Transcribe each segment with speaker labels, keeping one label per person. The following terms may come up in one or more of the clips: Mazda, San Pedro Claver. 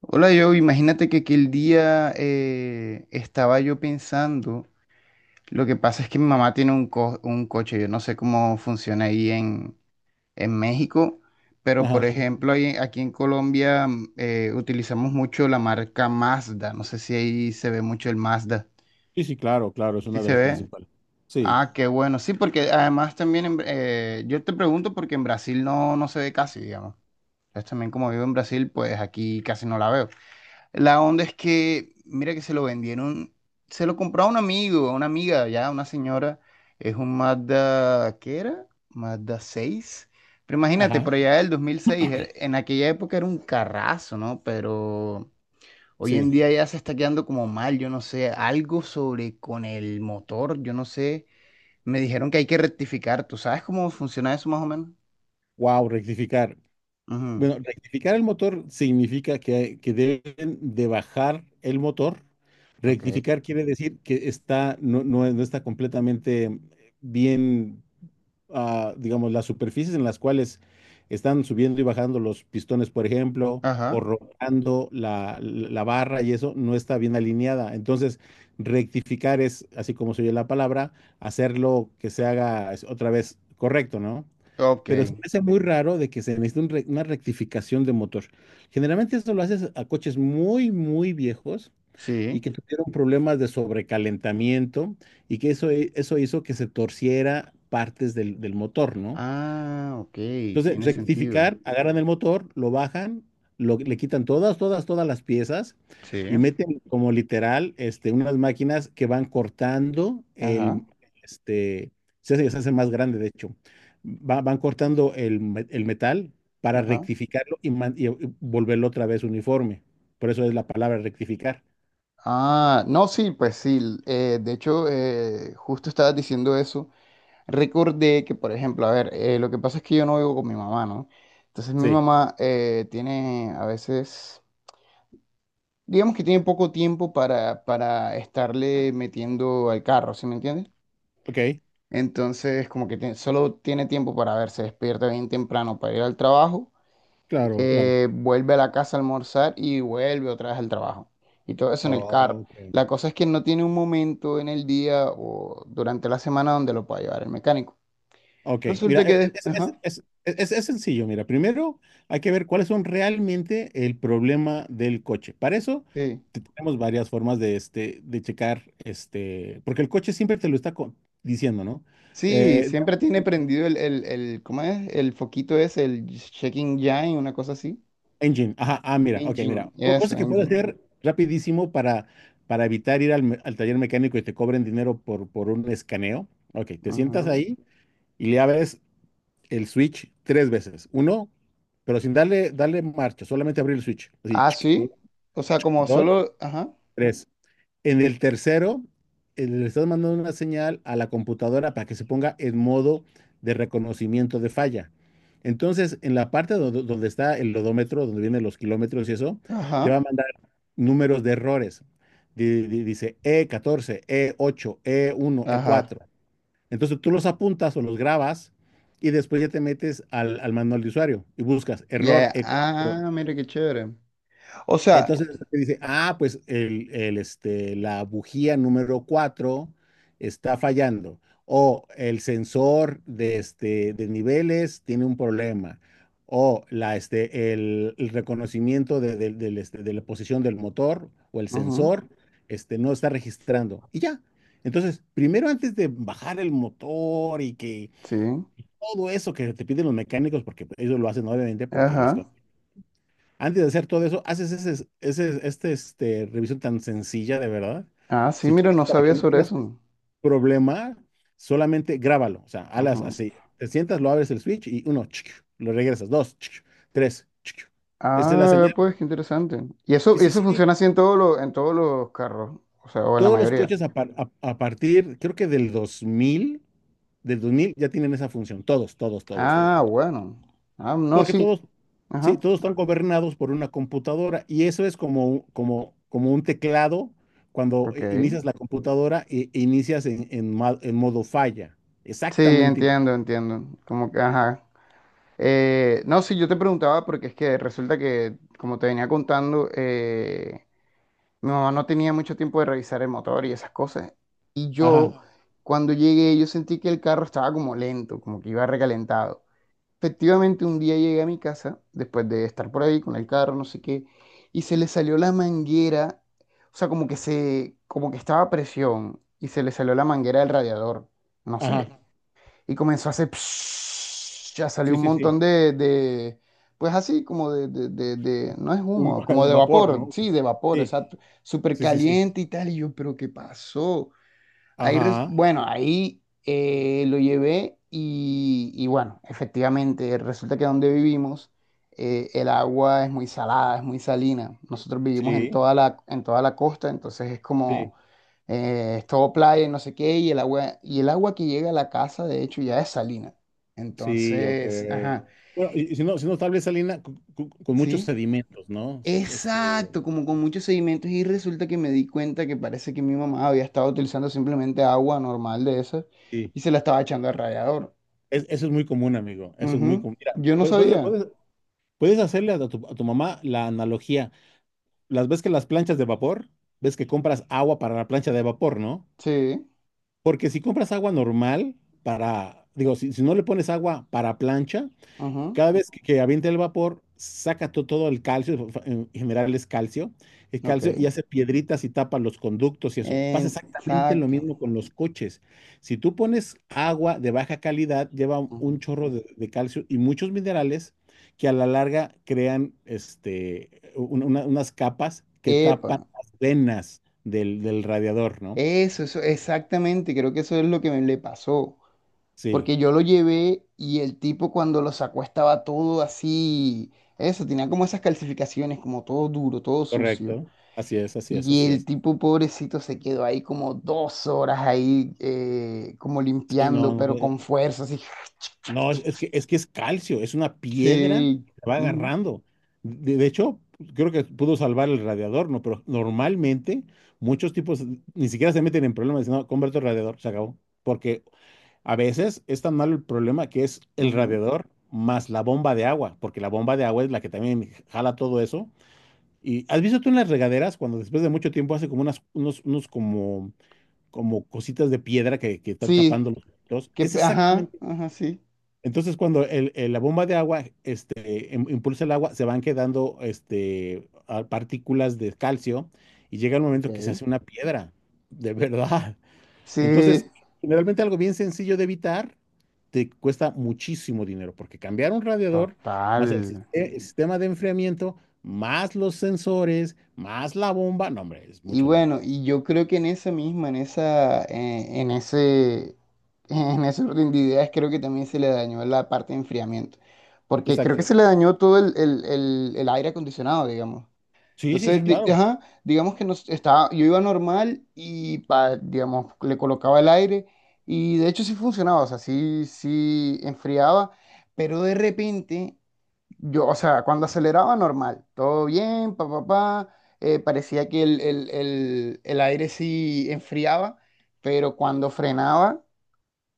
Speaker 1: Hola, yo imagínate que aquel día estaba yo pensando, lo que pasa es que mi mamá tiene un coche. Yo no sé cómo funciona ahí en México, pero por
Speaker 2: Ajá.
Speaker 1: ejemplo aquí en Colombia utilizamos mucho la marca Mazda. No sé si ahí se ve mucho el Mazda,
Speaker 2: Sí, sí, claro, claro, es
Speaker 1: ¿sí
Speaker 2: una de
Speaker 1: se
Speaker 2: las
Speaker 1: ve?
Speaker 2: principales. Sí.
Speaker 1: Ah, qué bueno, sí, porque además también, en yo te pregunto porque en Brasil no se ve casi, digamos, entonces también como vivo en Brasil, pues aquí casi no la veo. La onda es que, mira que se lo vendieron, se lo compró a un amigo, a una amiga, ya, una señora. Es un Mazda, ¿qué era? Mazda seis. Pero imagínate,
Speaker 2: Ajá.
Speaker 1: por allá del 2006, en aquella época era un carrazo, ¿no? Pero hoy en
Speaker 2: Sí.
Speaker 1: día ya se está quedando como mal, yo no sé, algo sobre con el motor, yo no sé. Me dijeron que hay que rectificar, ¿tú sabes cómo funciona eso más o menos?
Speaker 2: Wow, rectificar.
Speaker 1: Ujú.
Speaker 2: Bueno, rectificar el motor significa que deben de bajar el motor.
Speaker 1: Ok.
Speaker 2: Rectificar quiere decir que está, no está completamente bien, digamos, las superficies en las cuales están subiendo y bajando los pistones, por ejemplo, o
Speaker 1: Ajá.
Speaker 2: rotando la barra y eso no está bien alineada. Entonces, rectificar es, así como se oye la palabra, hacerlo que se haga es, otra vez correcto, ¿no?
Speaker 1: Ok.
Speaker 2: Pero se me hace muy raro de que se necesite una rectificación de motor. Generalmente esto lo haces a coches muy, muy viejos y
Speaker 1: Sí.
Speaker 2: que tuvieron problemas de sobrecalentamiento y que eso hizo que se torciera partes del motor, ¿no?
Speaker 1: Ah, ok,
Speaker 2: Entonces,
Speaker 1: tiene sentido.
Speaker 2: rectificar, agarran el motor, lo bajan, le quitan todas, todas, todas las piezas
Speaker 1: Sí,
Speaker 2: y meten como literal unas máquinas que van cortando
Speaker 1: ajá,
Speaker 2: el, este, se hace más grande de hecho. Van cortando el, el metal para
Speaker 1: ajá.
Speaker 2: rectificarlo y volverlo otra vez uniforme. Por eso es la palabra rectificar.
Speaker 1: Ah, no, sí, pues sí. De hecho, justo estabas diciendo eso. Recordé que, por ejemplo, a ver, lo que pasa es que yo no vivo con mi mamá, ¿no? Entonces mi
Speaker 2: Sí,
Speaker 1: mamá tiene a veces, digamos que tiene poco tiempo para estarle metiendo al carro, ¿sí me entiendes?
Speaker 2: ok,
Speaker 1: Entonces, solo tiene tiempo para ver, se despierta bien temprano para ir al trabajo,
Speaker 2: claro, claro.
Speaker 1: vuelve a la casa a almorzar y vuelve otra vez al trabajo. Y todo eso en el carro.
Speaker 2: Ok.
Speaker 1: La cosa es que no tiene un momento en el día o durante la semana donde lo pueda llevar el mecánico.
Speaker 2: Ok,
Speaker 1: Resulta
Speaker 2: mira,
Speaker 1: que...
Speaker 2: e- e,
Speaker 1: des-
Speaker 2: es,
Speaker 1: Ajá,
Speaker 2: es- es- es- es sencillo. Mira, primero hay que ver cuáles son realmente el problema del coche. Para eso
Speaker 1: sí.
Speaker 2: tenemos varias formas de, de checar, porque el coche siempre te lo está diciendo, ¿no?
Speaker 1: Sí,
Speaker 2: Eh,
Speaker 1: siempre tiene prendido el, ¿cómo es? El foquito ese, el checking engine, una cosa así.
Speaker 2: engine, ajá, mira, ok,
Speaker 1: Engine,
Speaker 2: mira, co-
Speaker 1: eso,
Speaker 2: cosa que puedes
Speaker 1: engine.
Speaker 2: hacer rapidísimo para evitar ir al, al taller mecánico y te cobren dinero por un escaneo. Ok, te sientas
Speaker 1: Ajá.
Speaker 2: ahí y le abres el switch tres veces. Uno, pero sin darle marcha, solamente abrir el switch. Así,
Speaker 1: Ah,
Speaker 2: chic, un,
Speaker 1: sí. O sea, como
Speaker 2: dos,
Speaker 1: solo... Ajá,
Speaker 2: tres. En el tercero, le estás mandando una señal a la computadora para que se ponga en modo de reconocimiento de falla. Entonces, en la parte donde está el odómetro, donde vienen los kilómetros y eso, te va
Speaker 1: ajá,
Speaker 2: a mandar números de errores. Dice E14, E8, E1, e
Speaker 1: ajá.
Speaker 2: cuatro Entonces tú los apuntas o los grabas y después ya te metes al, al manual de usuario y buscas error
Speaker 1: Ya.
Speaker 2: E4.
Speaker 1: Ah, mira qué chévere. O sea...
Speaker 2: Entonces te dice, ah, pues el, este, la bujía número 4 está fallando o el sensor de niveles tiene un problema o el reconocimiento de la posición del motor o el
Speaker 1: Ajá,
Speaker 2: sensor no está registrando. Y ya, entonces, primero antes de bajar el motor y que
Speaker 1: sí.
Speaker 2: todo eso que te piden los mecánicos, porque pues, ellos lo hacen obviamente porque les...
Speaker 1: Ajá.
Speaker 2: con- Antes de hacer todo eso, haces revisión tan sencilla, de verdad.
Speaker 1: Ah, sí,
Speaker 2: Si
Speaker 1: mira,
Speaker 2: quieres,
Speaker 1: no
Speaker 2: para
Speaker 1: sabía
Speaker 2: que no
Speaker 1: sobre
Speaker 2: tengas
Speaker 1: eso.
Speaker 2: problema, solamente grábalo. O sea,
Speaker 1: Ajá.
Speaker 2: alas así. Te sientas, lo abres el switch y uno, chic, lo regresas. Dos, chic, tres, chic. Esa es la
Speaker 1: Ah,
Speaker 2: señal.
Speaker 1: pues qué interesante.
Speaker 2: Sí,
Speaker 1: Y
Speaker 2: sí,
Speaker 1: eso
Speaker 2: sí.
Speaker 1: funciona así en todos en todos los carros, o sea, o en la
Speaker 2: Todos los
Speaker 1: mayoría.
Speaker 2: coches a partir, creo que del dos mil ya tienen esa función. Todos, todos, todos,
Speaker 1: Ah,
Speaker 2: todos.
Speaker 1: bueno. Ah, no,
Speaker 2: Porque
Speaker 1: sí.
Speaker 2: todos,
Speaker 1: Ajá.
Speaker 2: sí, todos están gobernados por una computadora y eso es como, un teclado cuando
Speaker 1: Ok.
Speaker 2: inicias la computadora e inicias en, en modo falla.
Speaker 1: Sí,
Speaker 2: Exactamente. Igual.
Speaker 1: entiendo, entiendo. Como que, ajá. No, sí, yo te preguntaba porque es que resulta que, como te venía contando, mi mamá no tenía mucho tiempo de revisar el motor y esas cosas. Y
Speaker 2: Ajá,
Speaker 1: yo, cuando llegué, yo sentí que el carro estaba como lento, como que iba recalentado. Efectivamente, un día llegué a mi casa, después de estar por ahí con el carro, no sé qué, y se le salió la manguera, o sea, como que como que estaba a presión, y se le salió la manguera del radiador, no
Speaker 2: ajá.
Speaker 1: sé, y comenzó a hacer, psh, ya salió
Speaker 2: Sí,
Speaker 1: un
Speaker 2: sí, sí.
Speaker 1: montón de pues así, como de no es humo, como
Speaker 2: De
Speaker 1: de
Speaker 2: vapor,
Speaker 1: vapor,
Speaker 2: ¿no?
Speaker 1: sí, de vapor,
Speaker 2: Sí,
Speaker 1: exacto, súper
Speaker 2: sí, sí, sí.
Speaker 1: caliente y tal, y yo, pero ¿qué pasó?
Speaker 2: Ajá,
Speaker 1: Bueno, ahí lo llevé y bueno, efectivamente, resulta que donde vivimos el agua es muy salada, es muy salina. Nosotros vivimos en
Speaker 2: sí,
Speaker 1: toda en toda la costa, entonces es
Speaker 2: sí,
Speaker 1: como, es todo playa y no sé qué, y el agua que llega a la casa, de hecho, ya es salina.
Speaker 2: sí, ok.
Speaker 1: Entonces, ajá,
Speaker 2: Bueno, y, si no, tal vez salina con, con muchos
Speaker 1: sí.
Speaker 2: sedimentos, ¿no?
Speaker 1: Exacto, como con muchos sedimentos y resulta que me di cuenta que parece que mi mamá había estado utilizando simplemente agua normal de esas
Speaker 2: Sí.
Speaker 1: y se la estaba echando al rallador.
Speaker 2: Eso es muy común, amigo. Eso es muy
Speaker 1: Ujú.
Speaker 2: común. Mira,
Speaker 1: Yo no
Speaker 2: puedes, puedes,
Speaker 1: sabía.
Speaker 2: puedes- Puedes hacerle a tu mamá la analogía. Las ves que las planchas de vapor, ves que compras agua para la plancha de vapor, ¿no?
Speaker 1: Sí.
Speaker 2: Porque si compras agua normal para, digo, si no le pones agua para plancha,
Speaker 1: Ujú.
Speaker 2: cada vez que avienta el vapor, saca todo el calcio, en general es calcio, el calcio y
Speaker 1: Ok.
Speaker 2: hace piedritas y tapa los conductos y eso. Pasa
Speaker 1: En...
Speaker 2: exactamente lo
Speaker 1: Exacto.
Speaker 2: mismo con los coches. Si tú pones agua de baja calidad, lleva un
Speaker 1: Ujú.
Speaker 2: chorro de calcio y muchos minerales que a la larga crean unas capas que
Speaker 1: Epa,
Speaker 2: tapan las venas del radiador, ¿no?
Speaker 1: eso, exactamente, creo que eso es lo que me le pasó.
Speaker 2: Sí,
Speaker 1: Porque yo lo llevé y el tipo cuando lo sacó estaba todo así, eso, tenía como esas calcificaciones, como todo duro, todo sucio.
Speaker 2: correcto. Así es, así es,
Speaker 1: Y
Speaker 2: así
Speaker 1: el
Speaker 2: es.
Speaker 1: tipo pobrecito se quedó ahí como dos horas ahí, como
Speaker 2: Sí, no,
Speaker 1: limpiando,
Speaker 2: no,
Speaker 1: pero con fuerza, así.
Speaker 2: no, es, es que es calcio, es una piedra
Speaker 1: Sí.
Speaker 2: que te va
Speaker 1: Ujú,
Speaker 2: agarrando. De hecho, creo que pudo salvar el radiador, ¿no? Pero normalmente muchos tipos ni siquiera se meten en problemas, dicen, no, convierto el radiador, se acabó. Porque a veces es tan malo el problema que es el
Speaker 1: ujú.
Speaker 2: radiador más la bomba de agua, porque la bomba de agua es la que también jala todo eso. Y has visto tú en las regaderas cuando después de mucho tiempo hace como unos como cositas de piedra que están
Speaker 1: Sí.
Speaker 2: tapando los filtros.
Speaker 1: Que,
Speaker 2: Es
Speaker 1: ajá,
Speaker 2: exactamente
Speaker 1: ajá, sí.
Speaker 2: entonces, cuando la bomba de agua impulsa el agua, se van quedando partículas de calcio y llega el momento que se
Speaker 1: Ok.
Speaker 2: hace una piedra, de verdad. Entonces,
Speaker 1: Sí,
Speaker 2: generalmente algo bien sencillo de evitar te cuesta muchísimo dinero, porque cambiar un radiador, más el, sis-
Speaker 1: total.
Speaker 2: eh, el sistema de enfriamiento, más los sensores, más la bomba, no, hombre, es
Speaker 1: Y
Speaker 2: mucho dinero.
Speaker 1: bueno, y yo creo que en esa misma, en esa, en ese orden de ideas, creo que también se le dañó la parte de enfriamiento. Porque creo que
Speaker 2: Exacto.
Speaker 1: se le dañó todo el aire acondicionado, digamos.
Speaker 2: Sí, sí, sí,
Speaker 1: Entonces,
Speaker 2: claro.
Speaker 1: ajá, digamos que nos, estaba, yo iba normal y, digamos, le colocaba el aire y de hecho sí funcionaba, o sea, sí, sí enfriaba, pero de repente, yo, o sea, cuando aceleraba normal, todo bien, pa, pa, pa, parecía que el aire sí enfriaba, pero cuando frenaba,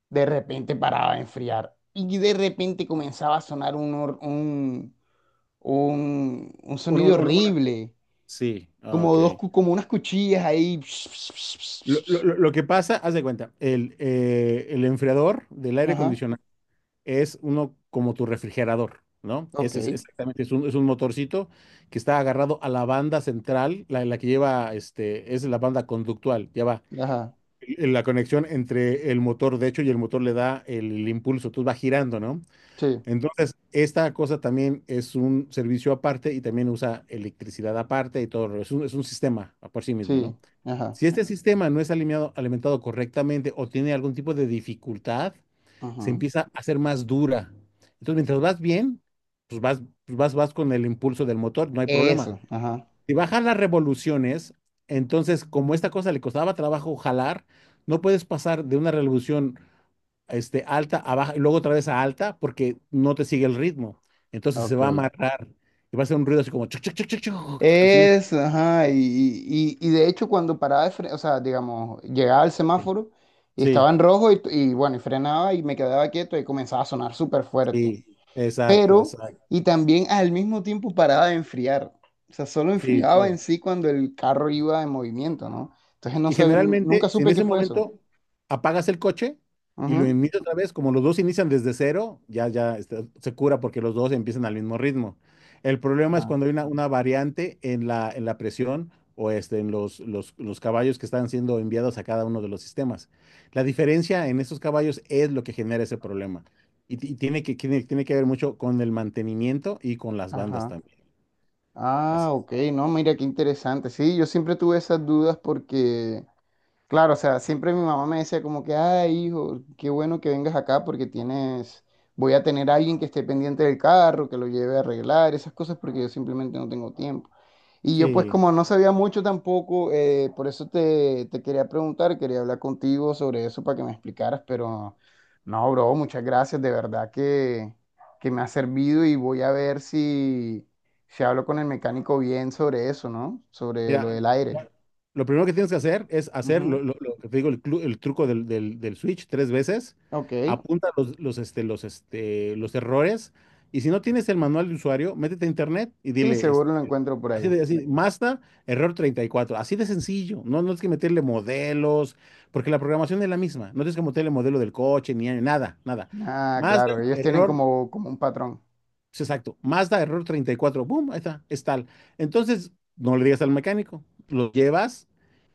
Speaker 1: de repente paraba de enfriar y de repente comenzaba a sonar un
Speaker 2: Una,
Speaker 1: sonido
Speaker 2: una- una- una-
Speaker 1: horrible
Speaker 2: Sí,
Speaker 1: como
Speaker 2: ok.
Speaker 1: como unas cuchillas ahí. Ps, ps, ps, ps,
Speaker 2: Lo, lo-
Speaker 1: ps.
Speaker 2: lo- lo que pasa, haz de cuenta, el enfriador del
Speaker 1: Ps.
Speaker 2: aire
Speaker 1: Ajá.
Speaker 2: acondicionado es uno como tu refrigerador, ¿no?
Speaker 1: Ok.
Speaker 2: Ese es exactamente, es un, motorcito que está agarrado a la banda central, la que lleva, es la banda conductual, ya va.
Speaker 1: Ajá.
Speaker 2: La conexión entre el motor, de hecho, y el motor le da el impulso, tú va girando, ¿no?
Speaker 1: Sí,
Speaker 2: Entonces, esta cosa también es un servicio aparte y también usa electricidad aparte y todo, es un sistema por sí mismo, ¿no?
Speaker 1: sí. Ajá.
Speaker 2: Si este sistema no es alimentado correctamente o tiene algún tipo de dificultad, se
Speaker 1: Ajá.
Speaker 2: empieza a hacer más dura. Entonces, mientras vas bien, vas con el impulso del motor, no hay problema.
Speaker 1: Eso. Ajá.
Speaker 2: Si bajan las revoluciones, entonces, como esta cosa le costaba trabajo jalar, no puedes pasar de una revolución alta a baja y luego otra vez a alta porque no te sigue el ritmo. Entonces se va a
Speaker 1: Ok.
Speaker 2: amarrar y va a hacer un ruido así como chuc, chuc, chuc, chuc, chuc, así bien.
Speaker 1: Eso, ajá. Y de hecho, cuando paraba de o sea, digamos, llegaba al semáforo y
Speaker 2: Sí,
Speaker 1: estaba en rojo y bueno, y frenaba y me quedaba quieto y comenzaba a sonar súper fuerte.
Speaker 2: sí, exacto,
Speaker 1: Pero
Speaker 2: exacto.
Speaker 1: y también al mismo tiempo paraba de enfriar. O sea, solo
Speaker 2: Sí,
Speaker 1: enfriaba en
Speaker 2: claro.
Speaker 1: sí cuando el carro iba en movimiento, ¿no? Entonces no
Speaker 2: Y generalmente,
Speaker 1: nunca
Speaker 2: si en
Speaker 1: supe qué
Speaker 2: ese
Speaker 1: fue eso.
Speaker 2: momento apagas el coche y lo
Speaker 1: Ujú.
Speaker 2: inicias otra vez, como los dos inician desde cero, ya, se cura porque los dos empiezan al mismo ritmo. El problema es
Speaker 1: Ajá,
Speaker 2: cuando hay una variante en la presión o en los caballos que están siendo enviados a cada uno de los sistemas. La diferencia en esos caballos es lo que genera ese problema. Y tiene que ver mucho con el mantenimiento y con las bandas
Speaker 1: ajá.
Speaker 2: también.
Speaker 1: Ah,
Speaker 2: Así.
Speaker 1: ok, no, mira qué interesante. Sí, yo siempre tuve esas dudas porque claro, o sea, siempre mi mamá me decía como que, ay, hijo, qué bueno que vengas acá porque tienes, voy a tener a alguien que esté pendiente del carro, que lo lleve a arreglar, esas cosas porque yo simplemente no tengo tiempo. Y yo pues
Speaker 2: Sí.
Speaker 1: como no sabía mucho tampoco, por eso te quería preguntar, quería hablar contigo sobre eso para que me explicaras, pero no, bro, muchas gracias, de verdad que me ha servido y voy a ver si, si hablo con el mecánico bien sobre eso, ¿no? Sobre lo
Speaker 2: Mira,
Speaker 1: del aire.
Speaker 2: la- lo primero que tienes que hacer es hacer
Speaker 1: Ujú.
Speaker 2: lo que te digo, el truco del switch tres veces.
Speaker 1: Ok.
Speaker 2: Apunta los errores. Y si no tienes el manual de usuario, métete a internet y
Speaker 1: Sí,
Speaker 2: dile,
Speaker 1: seguro lo encuentro por
Speaker 2: así
Speaker 1: ahí.
Speaker 2: de así, Mazda, error 34. Así de sencillo. No, no tienes que meterle modelos, porque la programación es la misma. No tienes que meterle modelo del coche, ni nada, nada.
Speaker 1: Ah,
Speaker 2: Mazda,
Speaker 1: claro, ellos tienen
Speaker 2: error
Speaker 1: como, como un patrón,
Speaker 2: Sí, exacto. Mazda, error 34, boom, ahí está, es tal. Entonces, no le digas al mecánico, lo llevas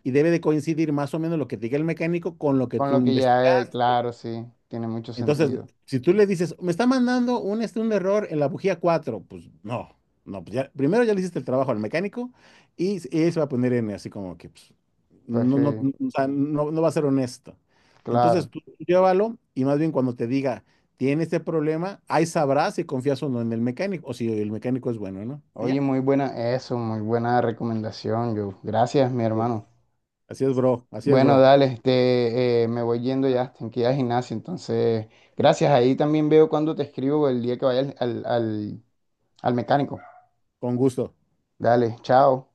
Speaker 2: y debe de coincidir más o menos lo que te diga el mecánico con lo que
Speaker 1: con
Speaker 2: tú
Speaker 1: lo que ya, es,
Speaker 2: investigas.
Speaker 1: claro, sí, tiene mucho
Speaker 2: Entonces,
Speaker 1: sentido.
Speaker 2: si tú le dices, me está mandando un, un error en la bujía 4, pues no, no, pues ya, primero ya le hiciste el trabajo al mecánico y él se va a poner en así como que pues,
Speaker 1: Pues
Speaker 2: no,
Speaker 1: sí,
Speaker 2: no, no, o sea, no va a ser honesto. Entonces,
Speaker 1: claro.
Speaker 2: tú llévalo y más bien cuando te diga, tiene este problema, ahí sabrás si confías o no en el mecánico o si el mecánico es bueno, ¿no? Y
Speaker 1: Oye,
Speaker 2: ya,
Speaker 1: muy buena eso, muy buena recomendación, yo. Gracias, mi hermano.
Speaker 2: así es,
Speaker 1: Bueno,
Speaker 2: bro,
Speaker 1: dale, este, me voy yendo ya, tengo que ir al gimnasio, entonces, gracias. Ahí también veo cuando te escribo el día que vaya al al mecánico.
Speaker 2: con gusto.
Speaker 1: Dale, chao.